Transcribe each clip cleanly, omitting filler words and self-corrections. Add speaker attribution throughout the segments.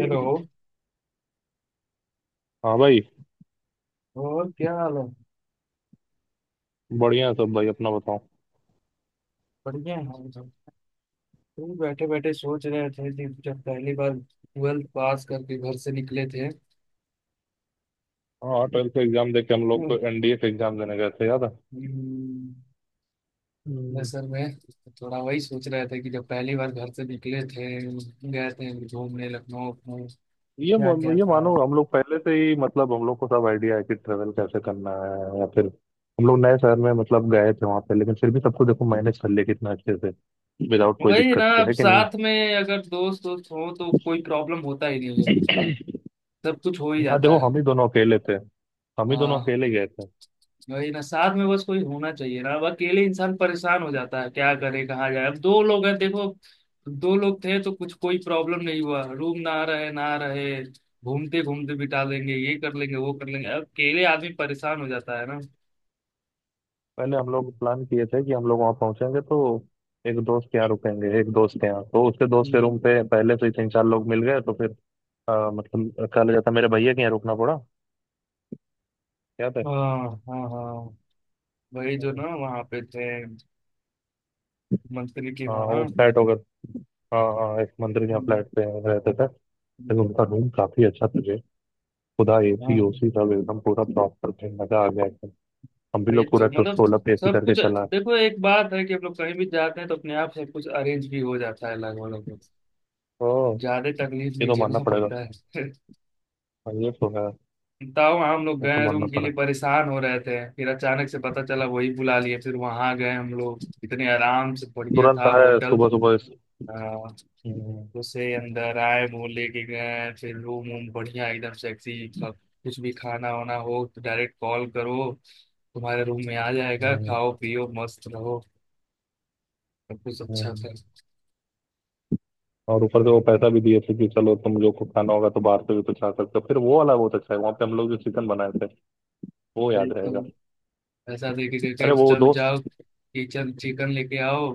Speaker 1: Hello.
Speaker 2: हाँ भाई।
Speaker 1: और क्या हाल है।
Speaker 2: बढ़िया है सब भाई, अपना बताओ।
Speaker 1: बढ़िया है हम सब। तुम बैठे बैठे सोच रहे थे कि जब पहली बार ट्वेल्थ पास करके घर से निकले थे।
Speaker 2: हाँ, ट्वेल्थ का एग्जाम देके हम लोग
Speaker 1: हम्म,
Speaker 2: एनडीए का एग्जाम देने गए थे, याद है। हम्म।
Speaker 1: असल में थोड़ा वही सोच रहे थे कि जब पहली बार घर से निकले थे, गए थे घूमने लखनऊ में। क्या क्या
Speaker 2: ये
Speaker 1: था।
Speaker 2: मानो हम लोग पहले से ही मतलब हम लोग को सब आइडिया है कि ट्रेवल कैसे करना है, या फिर हम लोग नए शहर में मतलब गए थे वहां पे, लेकिन फिर भी सबको देखो मैनेज कर लिया कितना अच्छे से, विदाउट कोई
Speaker 1: वही ना,
Speaker 2: दिक्कत के,
Speaker 1: अब
Speaker 2: है कि नहीं।
Speaker 1: साथ में अगर दोस्त दोस्त हो तो कोई प्रॉब्लम होता ही नहीं है। सब कुछ हो ही
Speaker 2: हाँ
Speaker 1: जाता
Speaker 2: देखो,
Speaker 1: है।
Speaker 2: हम ही दोनों अकेले थे। हम ही दोनों
Speaker 1: हाँ,
Speaker 2: अकेले गए थे।
Speaker 1: वही ना, साथ में बस कोई होना चाहिए ना। अब अकेले इंसान परेशान हो जाता है, क्या करे कहाँ जाए। अब दो लोग हैं देखो, दो लोग थे तो कुछ कोई प्रॉब्लम नहीं हुआ। रूम ना रहे ना रहे, घूमते घूमते बिता देंगे, ये कर लेंगे वो कर लेंगे। अब अकेले आदमी परेशान हो जाता है ना।
Speaker 2: पहले हम लोग प्लान किए थे कि हम लोग वहाँ पहुंचेंगे तो एक दोस्त के यहाँ रुकेंगे, एक दोस्त के यहाँ, तो उसके दोस्त के
Speaker 1: हम्म।
Speaker 2: रूम पे पहले से ही 3-4 लोग मिल गए तो फिर हाँ, मतलब कल था, मेरे भैया के यहाँ रुकना पड़ा, याद है।
Speaker 1: हाँ हाँ हाँ, वही जो
Speaker 2: हम्म।
Speaker 1: ना वहाँ पे थे, मंत्री के
Speaker 2: हाँ, वो
Speaker 1: वहाँ।
Speaker 2: फ्लैट होगा। हाँ हाँ, एक मंदिर के यहाँ
Speaker 1: हम्म,
Speaker 2: फ्लैट पे रहते थे। लेकिन
Speaker 1: हम्म,
Speaker 2: उनका रूम काफी अच्छा था जी। खुदा एसी
Speaker 1: हाँ।
Speaker 2: ओसी सब एकदम पूरा प्रॉपर थे, मजा आ गया एकदम। हम भी
Speaker 1: वही
Speaker 2: लोग पूरा
Speaker 1: तो मतलब,
Speaker 2: 16 पे एसी
Speaker 1: सब
Speaker 2: करके
Speaker 1: कुछ,
Speaker 2: चला है।
Speaker 1: देखो एक बात है कि हम लोग कहीं भी जाते हैं तो अपने आप सब कुछ अरेंज भी हो जाता है लगभग लगभग।
Speaker 2: ओ,
Speaker 1: ज्यादा तकलीफ
Speaker 2: ये
Speaker 1: नहीं
Speaker 2: तो मानना
Speaker 1: झेलना
Speaker 2: पड़ेगा।
Speaker 1: पड़ता है।
Speaker 2: हाँ, ये तो है।
Speaker 1: तब हम लोग
Speaker 2: ये तो
Speaker 1: गए, रूम
Speaker 2: मानना
Speaker 1: के
Speaker 2: पड़ा।
Speaker 1: लिए परेशान हो रहे थे, फिर अचानक से पता चला, वही बुला लिए, फिर वहां गए हम लोग इतने आराम से, बढ़िया
Speaker 2: तुरंत
Speaker 1: था
Speaker 2: आए
Speaker 1: होटल।
Speaker 2: सुबह सुबह
Speaker 1: आ,
Speaker 2: हम्म।
Speaker 1: उसे अंदर आए, वो लेके गए, फिर रूम वूम बढ़िया एकदम सेक्सी। कुछ भी खाना वाना हो तो डायरेक्ट कॉल करो, तुम्हारे रूम में आ जाएगा।
Speaker 2: हम्म,
Speaker 1: खाओ पियो मस्त रहो। सब कुछ अच्छा
Speaker 2: हम्म।
Speaker 1: था।
Speaker 2: और ऊपर से वो पैसा भी दिए थे कि चलो तुम लोग को खाना होगा तो बाहर से भी कुछ खा सकते हो। फिर वो वाला बहुत अच्छा है, वहाँ पे हम लोग जो चिकन बनाए थे वो
Speaker 1: भाई
Speaker 2: याद रहेगा।
Speaker 1: तुम ऐसा देके गए
Speaker 2: अरे
Speaker 1: कि
Speaker 2: वो
Speaker 1: चल
Speaker 2: दोस्त।
Speaker 1: जाओ, किचन चिकन लेके आओ,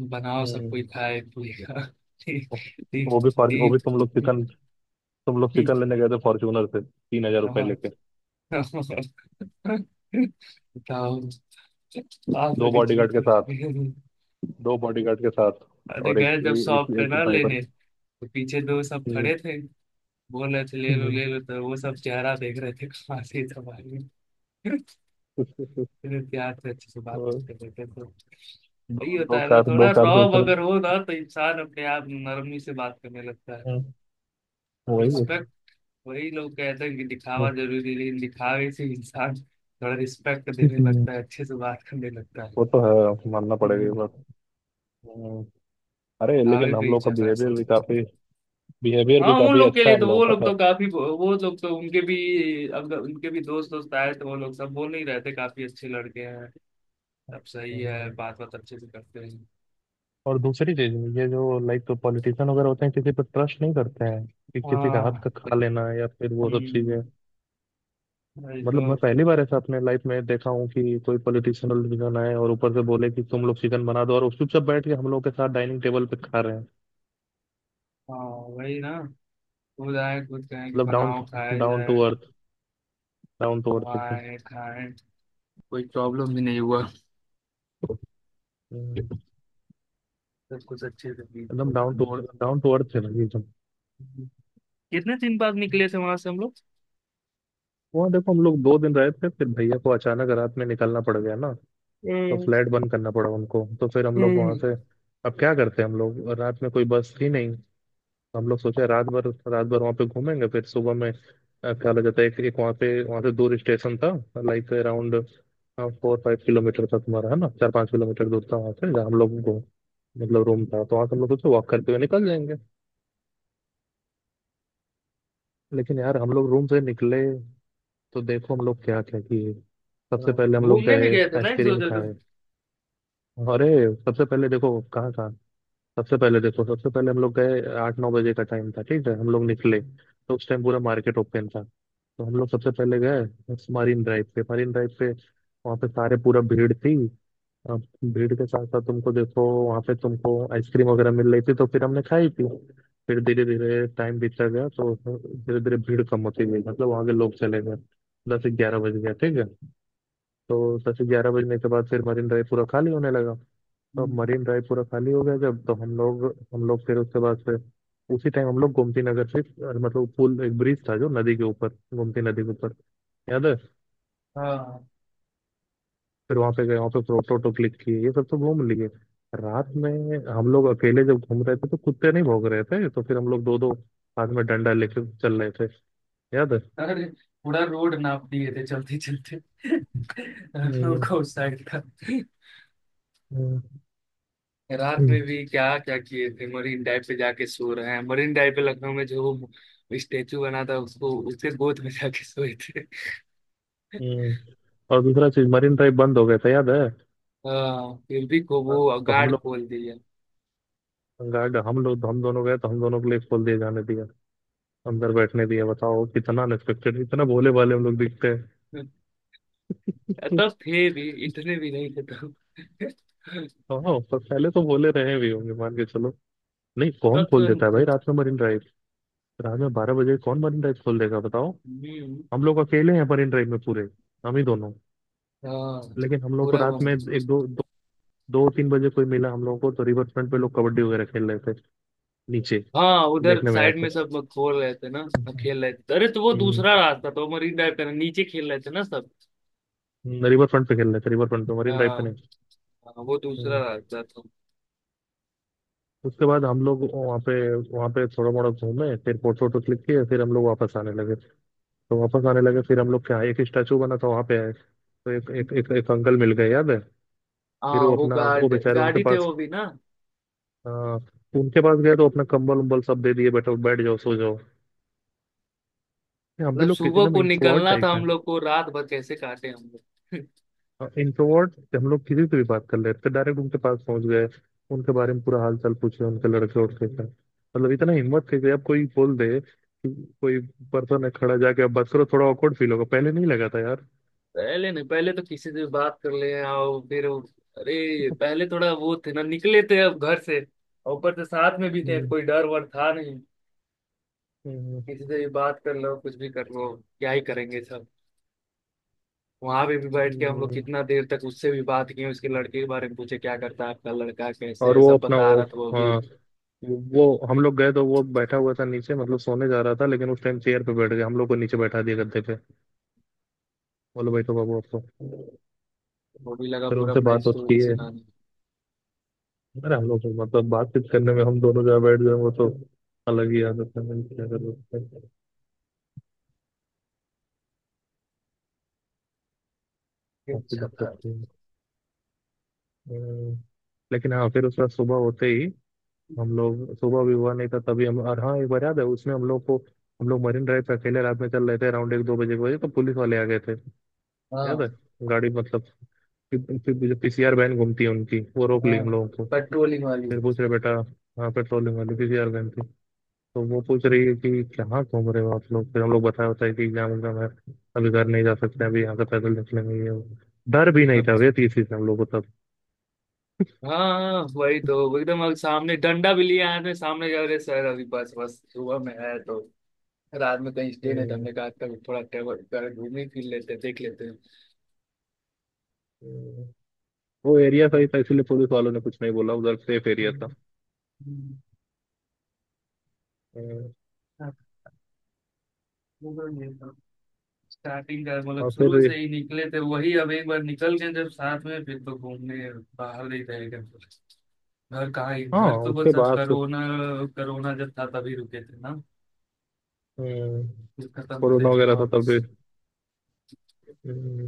Speaker 1: बनाओ, सब कोई
Speaker 2: हम्म।
Speaker 1: खाए पिएगा। ठीक ठीक
Speaker 2: वो भी फॉर, वो भी
Speaker 1: ठीक
Speaker 2: तुम लोग चिकन, तुम लोग
Speaker 1: ठीक।
Speaker 2: चिकन लेने गए थे फॉर्च्यूनर से 3,000 रुपये
Speaker 1: हाँ,
Speaker 2: लेके,
Speaker 1: बताओ, आप
Speaker 2: दो
Speaker 1: अभी
Speaker 2: बॉडीगार्ड के साथ।
Speaker 1: जीते।
Speaker 2: दो बॉडीगार्ड के साथ
Speaker 1: अरे,
Speaker 2: और एक
Speaker 1: गए जब
Speaker 2: ए, एक
Speaker 1: शॉप पे
Speaker 2: एक
Speaker 1: ना
Speaker 2: ड्राइवर
Speaker 1: लेने,
Speaker 2: के।
Speaker 1: तो पीछे दो सब
Speaker 2: हम्म,
Speaker 1: खड़े थे, बोल रहे थे ले लो
Speaker 2: हम्म।
Speaker 1: ले लो, तो वो सब चेहरा देख रहे थे कहाँ से तुम्हारी।
Speaker 2: उसके-
Speaker 1: फिर प्यार से अच्छे से बात
Speaker 2: और
Speaker 1: करते रहते तो, वही
Speaker 2: दो
Speaker 1: होता है ना,
Speaker 2: दो
Speaker 1: थोड़ा
Speaker 2: कार से
Speaker 1: रॉब
Speaker 2: उतरे।
Speaker 1: अगर हो ना तो इंसान अपने आप नरमी से बात करने लगता है।
Speaker 2: हम्म, वही है।
Speaker 1: रिस्पेक्ट, वही लोग कहते हैं कि दिखावा जरूरी, लेकिन दिखावे से इंसान थोड़ा रिस्पेक्ट देने
Speaker 2: हम्म।
Speaker 1: लगता है, अच्छे से बात करने लगता है।
Speaker 2: वो तो है, मानना पड़ेगा ये
Speaker 1: हम्म,
Speaker 2: बात। हम्म। अरे
Speaker 1: दिखावे
Speaker 2: लेकिन
Speaker 1: पे
Speaker 2: हम
Speaker 1: ही
Speaker 2: लोग का
Speaker 1: चल रहा है
Speaker 2: बिहेवियर
Speaker 1: सब।
Speaker 2: भी काफी, बिहेवियर
Speaker 1: हाँ,
Speaker 2: भी
Speaker 1: उन
Speaker 2: काफी
Speaker 1: लोग के
Speaker 2: अच्छा,
Speaker 1: लिए तो,
Speaker 2: हम लोगों
Speaker 1: वो लोग
Speaker 2: का
Speaker 1: तो काफी, वो लोग तो उनके भी, अब उनके भी दोस्त दोस्त आए तो वो लोग सब बोल नहीं रहे थे, काफी अच्छे लड़के हैं, सब सही है,
Speaker 2: था।
Speaker 1: बात बात अच्छे से करते हैं।
Speaker 2: और दूसरी चीज ये जो लाइक तो पॉलिटिशियन वगैरह होते हैं, किसी पर ट्रस्ट नहीं करते हैं कि किसी का हाथ
Speaker 1: हाँ,
Speaker 2: का खा लेना या फिर वो सब
Speaker 1: हम्म,
Speaker 2: चीजें।
Speaker 1: वही
Speaker 2: मतलब
Speaker 1: तो।
Speaker 2: मैं पहली बार ऐसा अपने लाइफ में देखा हूँ कि कोई पॉलिटिशियन डिसीजन आए और ऊपर से बोले कि तुम लोग चिकन बना दो, और उस चुपचाप बैठ के हम लोग के साथ डाइनिंग टेबल पे खा रहे हैं।
Speaker 1: हाँ वही ना, खुद आए खुद कहें कि
Speaker 2: मतलब डाउन,
Speaker 1: बनाओ खाया
Speaker 2: डाउन टू
Speaker 1: जाए,
Speaker 2: अर्थ, डाउन टू अर्थ एकदम।
Speaker 1: बनवाए खाएं, कोई प्रॉब्लम भी नहीं हुआ,
Speaker 2: हम्म।
Speaker 1: सब कुछ अच्छे से बीत
Speaker 2: एकदम
Speaker 1: गया।
Speaker 2: Down to earth, down to earth है भाई एकदम।
Speaker 1: कितने दिन बाद निकले थे वहां से हम लोग।
Speaker 2: वहाँ देखो हम लोग दो दिन रहे थे, फिर भैया को अचानक रात में निकलना पड़ गया ना, तो
Speaker 1: हम्म,
Speaker 2: फ्लैट बंद करना पड़ा उनको, तो फिर हम लोग वहां
Speaker 1: हम्म।
Speaker 2: से, अब क्या करते हैं, हम लोग रात में कोई बस थी नहीं। हम लोग सोचे रात भर वहां पे घूमेंगे, फिर सुबह में क्या हो जाता है, एक वहां पे, वहां से दूर स्टेशन था। लाइक अराउंड 4-5 किलोमीटर था, तुम्हारा है ना, 4-5 किलोमीटर दूर था वहां से, जहाँ हम लोग को मतलब रूम था, तो वहां से हम लोग सोचे वॉक करते हुए निकल जाएंगे। लेकिन यार हम लोग रूम से निकले तो देखो हम लोग क्या क्या किए।
Speaker 1: हाँ,
Speaker 2: सबसे पहले हम लोग
Speaker 1: घूमने भी
Speaker 2: गए
Speaker 1: गए थे ना एक दो
Speaker 2: आइसक्रीम
Speaker 1: जगह।
Speaker 2: खाए। अरे, सबसे पहले देखो कहाँ कहाँ। सबसे पहले देखो, सबसे पहले हम लोग गए, 8-9 बजे का टाइम था ठीक है, हम लोग निकले तो उस टाइम पूरा मार्केट ओपन था। तो हम लोग सबसे पहले गए मरीन ड्राइव पे, मरीन ड्राइव पे वहाँ पे सारे पूरा भीड़ थी। अब भीड़ के साथ साथ तुमको देखो वहाँ पे तुमको आइसक्रीम वगैरह मिल रही थी, तो फिर हमने खाई थी। फिर धीरे धीरे टाइम बीतता गया तो धीरे धीरे भीड़ कम होती गई, मतलब वहाँ के लोग चले गए। 10-11 बज गया ठीक है, तो 10-11 बजने के बाद फिर मरीन ड्राइव पूरा खाली होने लगा। तो अब
Speaker 1: हम्म,
Speaker 2: मरीन ड्राइव पूरा खाली हो गया जब तो हम लोग, हम लोग फिर उसके बाद से, उसी टाइम हम लोग गोमती नगर से मतलब पुल, एक ब्रिज था जो नदी के ऊपर, गोमती नदी के ऊपर, याद है।
Speaker 1: हाँ।
Speaker 2: फिर वहां पे गए, वहां पे फोटो वोटो क्लिक किए, ये सब तो घूम लिए। रात में हम लोग अकेले जब घूम रहे थे तो कुत्ते नहीं भौंक रहे थे तो फिर हम लोग दो दो हाथ में डंडा लेकर चल रहे थे, याद है।
Speaker 1: अरे, पूरा रोड नाप दिए थे चलते चलते हम
Speaker 2: हम्म।
Speaker 1: लोग को उस साइड का।
Speaker 2: हम्म।
Speaker 1: रात में
Speaker 2: हम्म।
Speaker 1: भी क्या क्या किए थे, मरीन ड्राइव पे जाके सो रहे हैं, मरीन ड्राइव पे लखनऊ में जो वो स्टेचू बना था, उसको उसके गोद में जाके सोए थे।
Speaker 2: हम्म। और दूसरा चीज, मरीन ड्राइव बंद हो गया था, याद है।
Speaker 1: हाँ, फिर भी को वो
Speaker 2: तो हम
Speaker 1: गार्ड
Speaker 2: लोग,
Speaker 1: खोल दिया।
Speaker 2: गार्ड, हम लोग हम दोनों गए तो हम दोनों के लिए खोल दिए, जाने दिया, अंदर बैठने दिया। बताओ कितना अनएक्सपेक्टेड, इतना भोले भाले हम लोग दिखते हैं।
Speaker 1: तब थे भी, इतने भी नहीं थे तब।
Speaker 2: हाँ, पर पहले तो भोले रहे भी होंगे, मान के चलो। नहीं, कौन
Speaker 1: तब
Speaker 2: खोल
Speaker 1: तो,
Speaker 2: देता है भाई रात में मरीन ड्राइव। रात में 12 बजे कौन मरीन ड्राइव खोल देगा बताओ।
Speaker 1: हम्म,
Speaker 2: हम लोग अकेले हैं मरीन ड्राइव में पूरे। हम ही दोनों।
Speaker 1: हाँ,
Speaker 2: लेकिन हम लोग को
Speaker 1: पूरा
Speaker 2: रात में
Speaker 1: बंद था।
Speaker 2: 2-3 बजे कोई मिला, हम लोगों को तो रिवर फ्रंट पे लोग कबड्डी वगैरह खेल रहे थे नीचे,
Speaker 1: हाँ, उधर
Speaker 2: देखने में आया
Speaker 1: साइड में
Speaker 2: तो।
Speaker 1: सब लोग खोल रहे थे ना, खेल रहे थे। अरे तो वो
Speaker 2: हम्म।
Speaker 1: दूसरा रास्ता था, वो मरीन ड्राइव का ना, नीचे खेल रहे थे ना सब।
Speaker 2: रिवर फ्रंट पे खेल रहे थे, रिवर फ्रंट पे, मरीन ड्राइव
Speaker 1: हाँ,
Speaker 2: पे नहीं।
Speaker 1: हाँ, वो दूसरा
Speaker 2: हम्म।
Speaker 1: रास्ता था।
Speaker 2: उसके बाद हम लोग वहाँ पे, वहाँ पे थोड़ा मोड़ा घूमे, फिर फोटो वोटो क्लिक किए, फिर हम लोग वापस आने लगे। तो वापस आने लगे फिर हम लोग क्या है, एक स्टैचू बना था वहां पे है, तो एक अंकल मिल गए, याद है।
Speaker 1: हाँ,
Speaker 2: फिर वो
Speaker 1: वो
Speaker 2: अपना वो
Speaker 1: गार्ड
Speaker 2: बेचारे, उनके
Speaker 1: गाड़ी थे
Speaker 2: पास,
Speaker 1: वो भी ना।
Speaker 2: आ, उनके पास गए तो अपना कंबल उम्बल सब दे दिए, बैठो, बैठ जाओ, सो जाओ। ये हम भी
Speaker 1: मतलब
Speaker 2: लोग
Speaker 1: सुबह
Speaker 2: एकदम
Speaker 1: को
Speaker 2: इंट्रोवर्ट
Speaker 1: निकलना था
Speaker 2: टाइप है।
Speaker 1: हम लोग को, रात भर कैसे काटे हम लोग।
Speaker 2: इंट्रोवर्ट, हम लोग किसी से भी बात कर लेते, डायरेक्ट उनके पास पहुंच गए। उनके बारे में पूरा हाल चाल पूछे, उनके लड़के उड़के का, मतलब इतना हिम्मत थी कि अब कोई बोल दे कि कोई पर्सन है खड़ा, जाके अब बात करो थोड़ा ऑकवर्ड फील होगा, पहले नहीं लगा था यार।
Speaker 1: पहले नहीं, पहले तो किसी से बात कर ले आओ फिर वो-, अरे पहले थोड़ा वो थे ना, निकले थे अब घर से, और ऊपर से साथ में भी थे,
Speaker 2: हम्म।
Speaker 1: कोई डर वर था नहीं।
Speaker 2: हम्म।
Speaker 1: किसी से भी बात कर लो, कुछ भी कर लो, क्या ही करेंगे सब। वहां पे भी बैठ के हम लोग
Speaker 2: हम्म।
Speaker 1: कितना देर तक उससे भी बात किए, उसके लड़के के बारे में पूछे, क्या करता है आपका लड़का कैसे
Speaker 2: और
Speaker 1: है,
Speaker 2: वो
Speaker 1: सब
Speaker 2: अपना
Speaker 1: बता
Speaker 2: वो,
Speaker 1: रहा था वो भी,
Speaker 2: हाँ वो, हम लोग गए तो वो बैठा हुआ था नीचे, मतलब सोने जा रहा था, लेकिन उस टाइम चेयर पे बैठ गया, हम लोग को नीचे बैठा दिया गद्दे पे, बोलो बैठो बाबू आपको।
Speaker 1: वो भी लगा
Speaker 2: फिर
Speaker 1: पूरा
Speaker 2: उनसे
Speaker 1: अपना
Speaker 2: बात होती की
Speaker 1: स्टोरी
Speaker 2: है।
Speaker 1: सुनाने।
Speaker 2: अरे हम लोग तो मतलब बातचीत करने में हम दोनों जहाँ बैठ गए, वो तो अलग ही आदत है, मैंने क्या कर सकते हैं, काफी
Speaker 1: अच्छा था।
Speaker 2: दिक्कत थी। अम्म, लेकिन हाँ फिर उसके बाद सुबह होते ही, हम लोग सुबह भी हुआ नहीं था तभी हम, और हाँ एक बार याद है उसमें हम लोग को, हम लोग मरीन ड्राइव पे अकेले रात में चल रहे थे अराउंड एक दो बजे के, बजे तो पुलिस वाले आ गए थे, याद है।
Speaker 1: हाँ,
Speaker 2: गाड़ी, मतलब, फिर जो पीसीआर वैन घूमती है उनकी, वो रोक
Speaker 1: हाँ
Speaker 2: ली हम लोगों को।
Speaker 1: पेट्रोलिंग वाली।
Speaker 2: फिर पूछ रहे, बेटा, हाँ पेट्रोलिंग वाली पीसीआर वैन थी। तो वो पूछ रही है कि कहाँ घूम रहे हो आप लोग, फिर हम लोग बताया बताया कि एग्जाम एग्जाम है, अभी घर नहीं जा सकते, अभी यहाँ से पैदल निकलेंगे ये वो। डर भी नहीं था भैया 30 से हम लोग को तब।
Speaker 1: हाँ वही तो, एकदम अब सामने डंडा भी लिया हाथ में, सामने जा रहे सर, अभी बस बस सुबह में है तो, रात में कहीं स्टे नहीं था,
Speaker 2: हम्म।
Speaker 1: हमने कहा कभी थोड़ा टेबल कर घूम ही फिर लेते हैं, देख लेते हैं।
Speaker 2: हम्म। वो एरिया
Speaker 1: तो
Speaker 2: सही था, इसीलिए पुलिस वालों ने कुछ नहीं बोला, उधर सेफ एरिया था। हम्म।
Speaker 1: स्टार्टिंग का मतलब
Speaker 2: और फिर
Speaker 1: शुरू से ही निकले थे, वही अब एक बार निकल गए जब साथ में, फिर तो घूमने बाहर नहीं थे एकदम। घर कहाँ ही,
Speaker 2: हाँ
Speaker 1: घर तो
Speaker 2: उसके
Speaker 1: बस, अब
Speaker 2: बाद।
Speaker 1: कोरोना, कोरोना जब था तभी रुके थे ना,
Speaker 2: हम्म।
Speaker 1: फिर खत्म
Speaker 2: कोरोना
Speaker 1: होते फिर
Speaker 2: वगैरह था तब
Speaker 1: वापस।
Speaker 2: भी।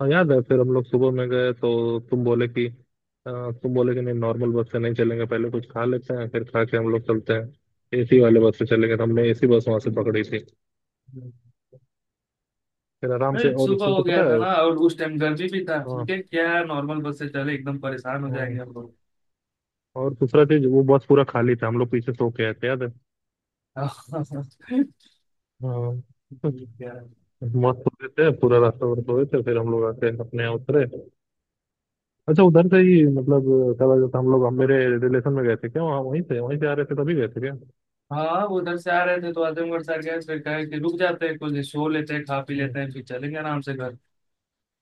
Speaker 2: हाँ याद है, फिर हम लोग सुबह में गए तो तुम बोले कि तुम बोले कि नहीं नॉर्मल बस से नहीं चलेंगे, पहले कुछ खा लेते हैं, फिर खा के हम लोग चलते हैं एसी वाले बस से चलेंगे, तो हमने एसी बस वहां से पकड़ी थी। फिर आराम से,
Speaker 1: अरे
Speaker 2: और
Speaker 1: सुबह
Speaker 2: तुमको
Speaker 1: हो
Speaker 2: पता
Speaker 1: गया
Speaker 2: है,
Speaker 1: था ना, और उस टाइम गर्मी भी था,
Speaker 2: हाँ
Speaker 1: ठीक है क्या नॉर्मल बस से चले, एकदम परेशान हो
Speaker 2: हाँ,
Speaker 1: जाएंगे हम लोग।
Speaker 2: और दूसरा चीज वो बस पूरा खाली था, हम लोग पीछे सो के आए थे, याद है। हाँ,
Speaker 1: क्या।
Speaker 2: मस्त सो रहे थे, पूरा रास्ता भर सोए थे, फिर हम लोग आके अपने यहाँ उतरे। अच्छा, उधर से ही मतलब, क्या बोला जाता है, हम लोग, हम मेरे रिलेशन में गए थे क्या वहाँ, वहीं से आ रहे थे तभी गए थे क्या।
Speaker 1: हाँ वो उधर से आ रहे थे तो आजमगढ़ सर गए, फिर कहे कि रुक जाते हैं, कुछ सो लेते हैं खा पी
Speaker 2: हम्म।
Speaker 1: लेते हैं, फिर चलेंगे आराम से घर।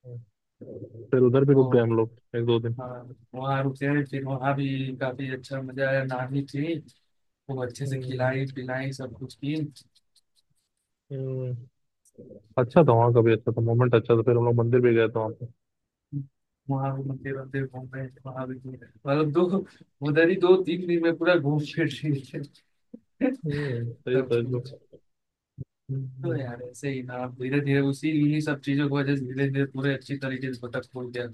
Speaker 2: हम्म। फिर उधर भी रुक गए
Speaker 1: तो
Speaker 2: हम लोग एक दो दिन।
Speaker 1: हाँ, वहाँ रुके हैं, फिर वहाँ भी काफी अच्छा मजा आया, नानी थी, वो अच्छे से खिलाई
Speaker 2: हम्म।
Speaker 1: पिलाई सब कुछ की।
Speaker 2: हम्म। अच्छा था वहाँ का भी, अच्छा था मोमेंट, अच्छा था, फिर हम लोग मंदिर भी गए थे वहाँ पे।
Speaker 1: वहाँ भी मंदिर वंदिर घूम रहे थे, वहाँ भी घूम रहे थे। मतलब दो, उधर ही दो तीन दिन में पूरा घूम फिर रहे थे।
Speaker 2: सही
Speaker 1: सब
Speaker 2: था
Speaker 1: कुछ।
Speaker 2: एकदम।
Speaker 1: तो
Speaker 2: हम्म।
Speaker 1: यार ऐसे ही ना, अब धीरे धीरे उसी इन्हीं सब चीजों की वजह से, धीरे धीरे पूरे अच्छी तरीके से भटक फूट गया।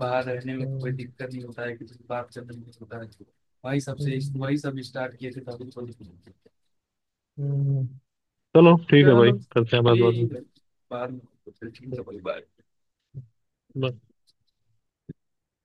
Speaker 1: बाहर रहने में कोई
Speaker 2: हम्म।
Speaker 1: दिक्कत नहीं होता है, किसी से बात से नहीं होता है। वही सबसे,
Speaker 2: हम्म।
Speaker 1: वही सब स्टार्ट किए थे तभी थोड़ी। चलो ठीक है,
Speaker 2: हम्म। चलो ठीक है भाई, करते हैं बात बाद में।
Speaker 1: बाद में। ठीक है, कोई बात नहीं।
Speaker 2: हम्म।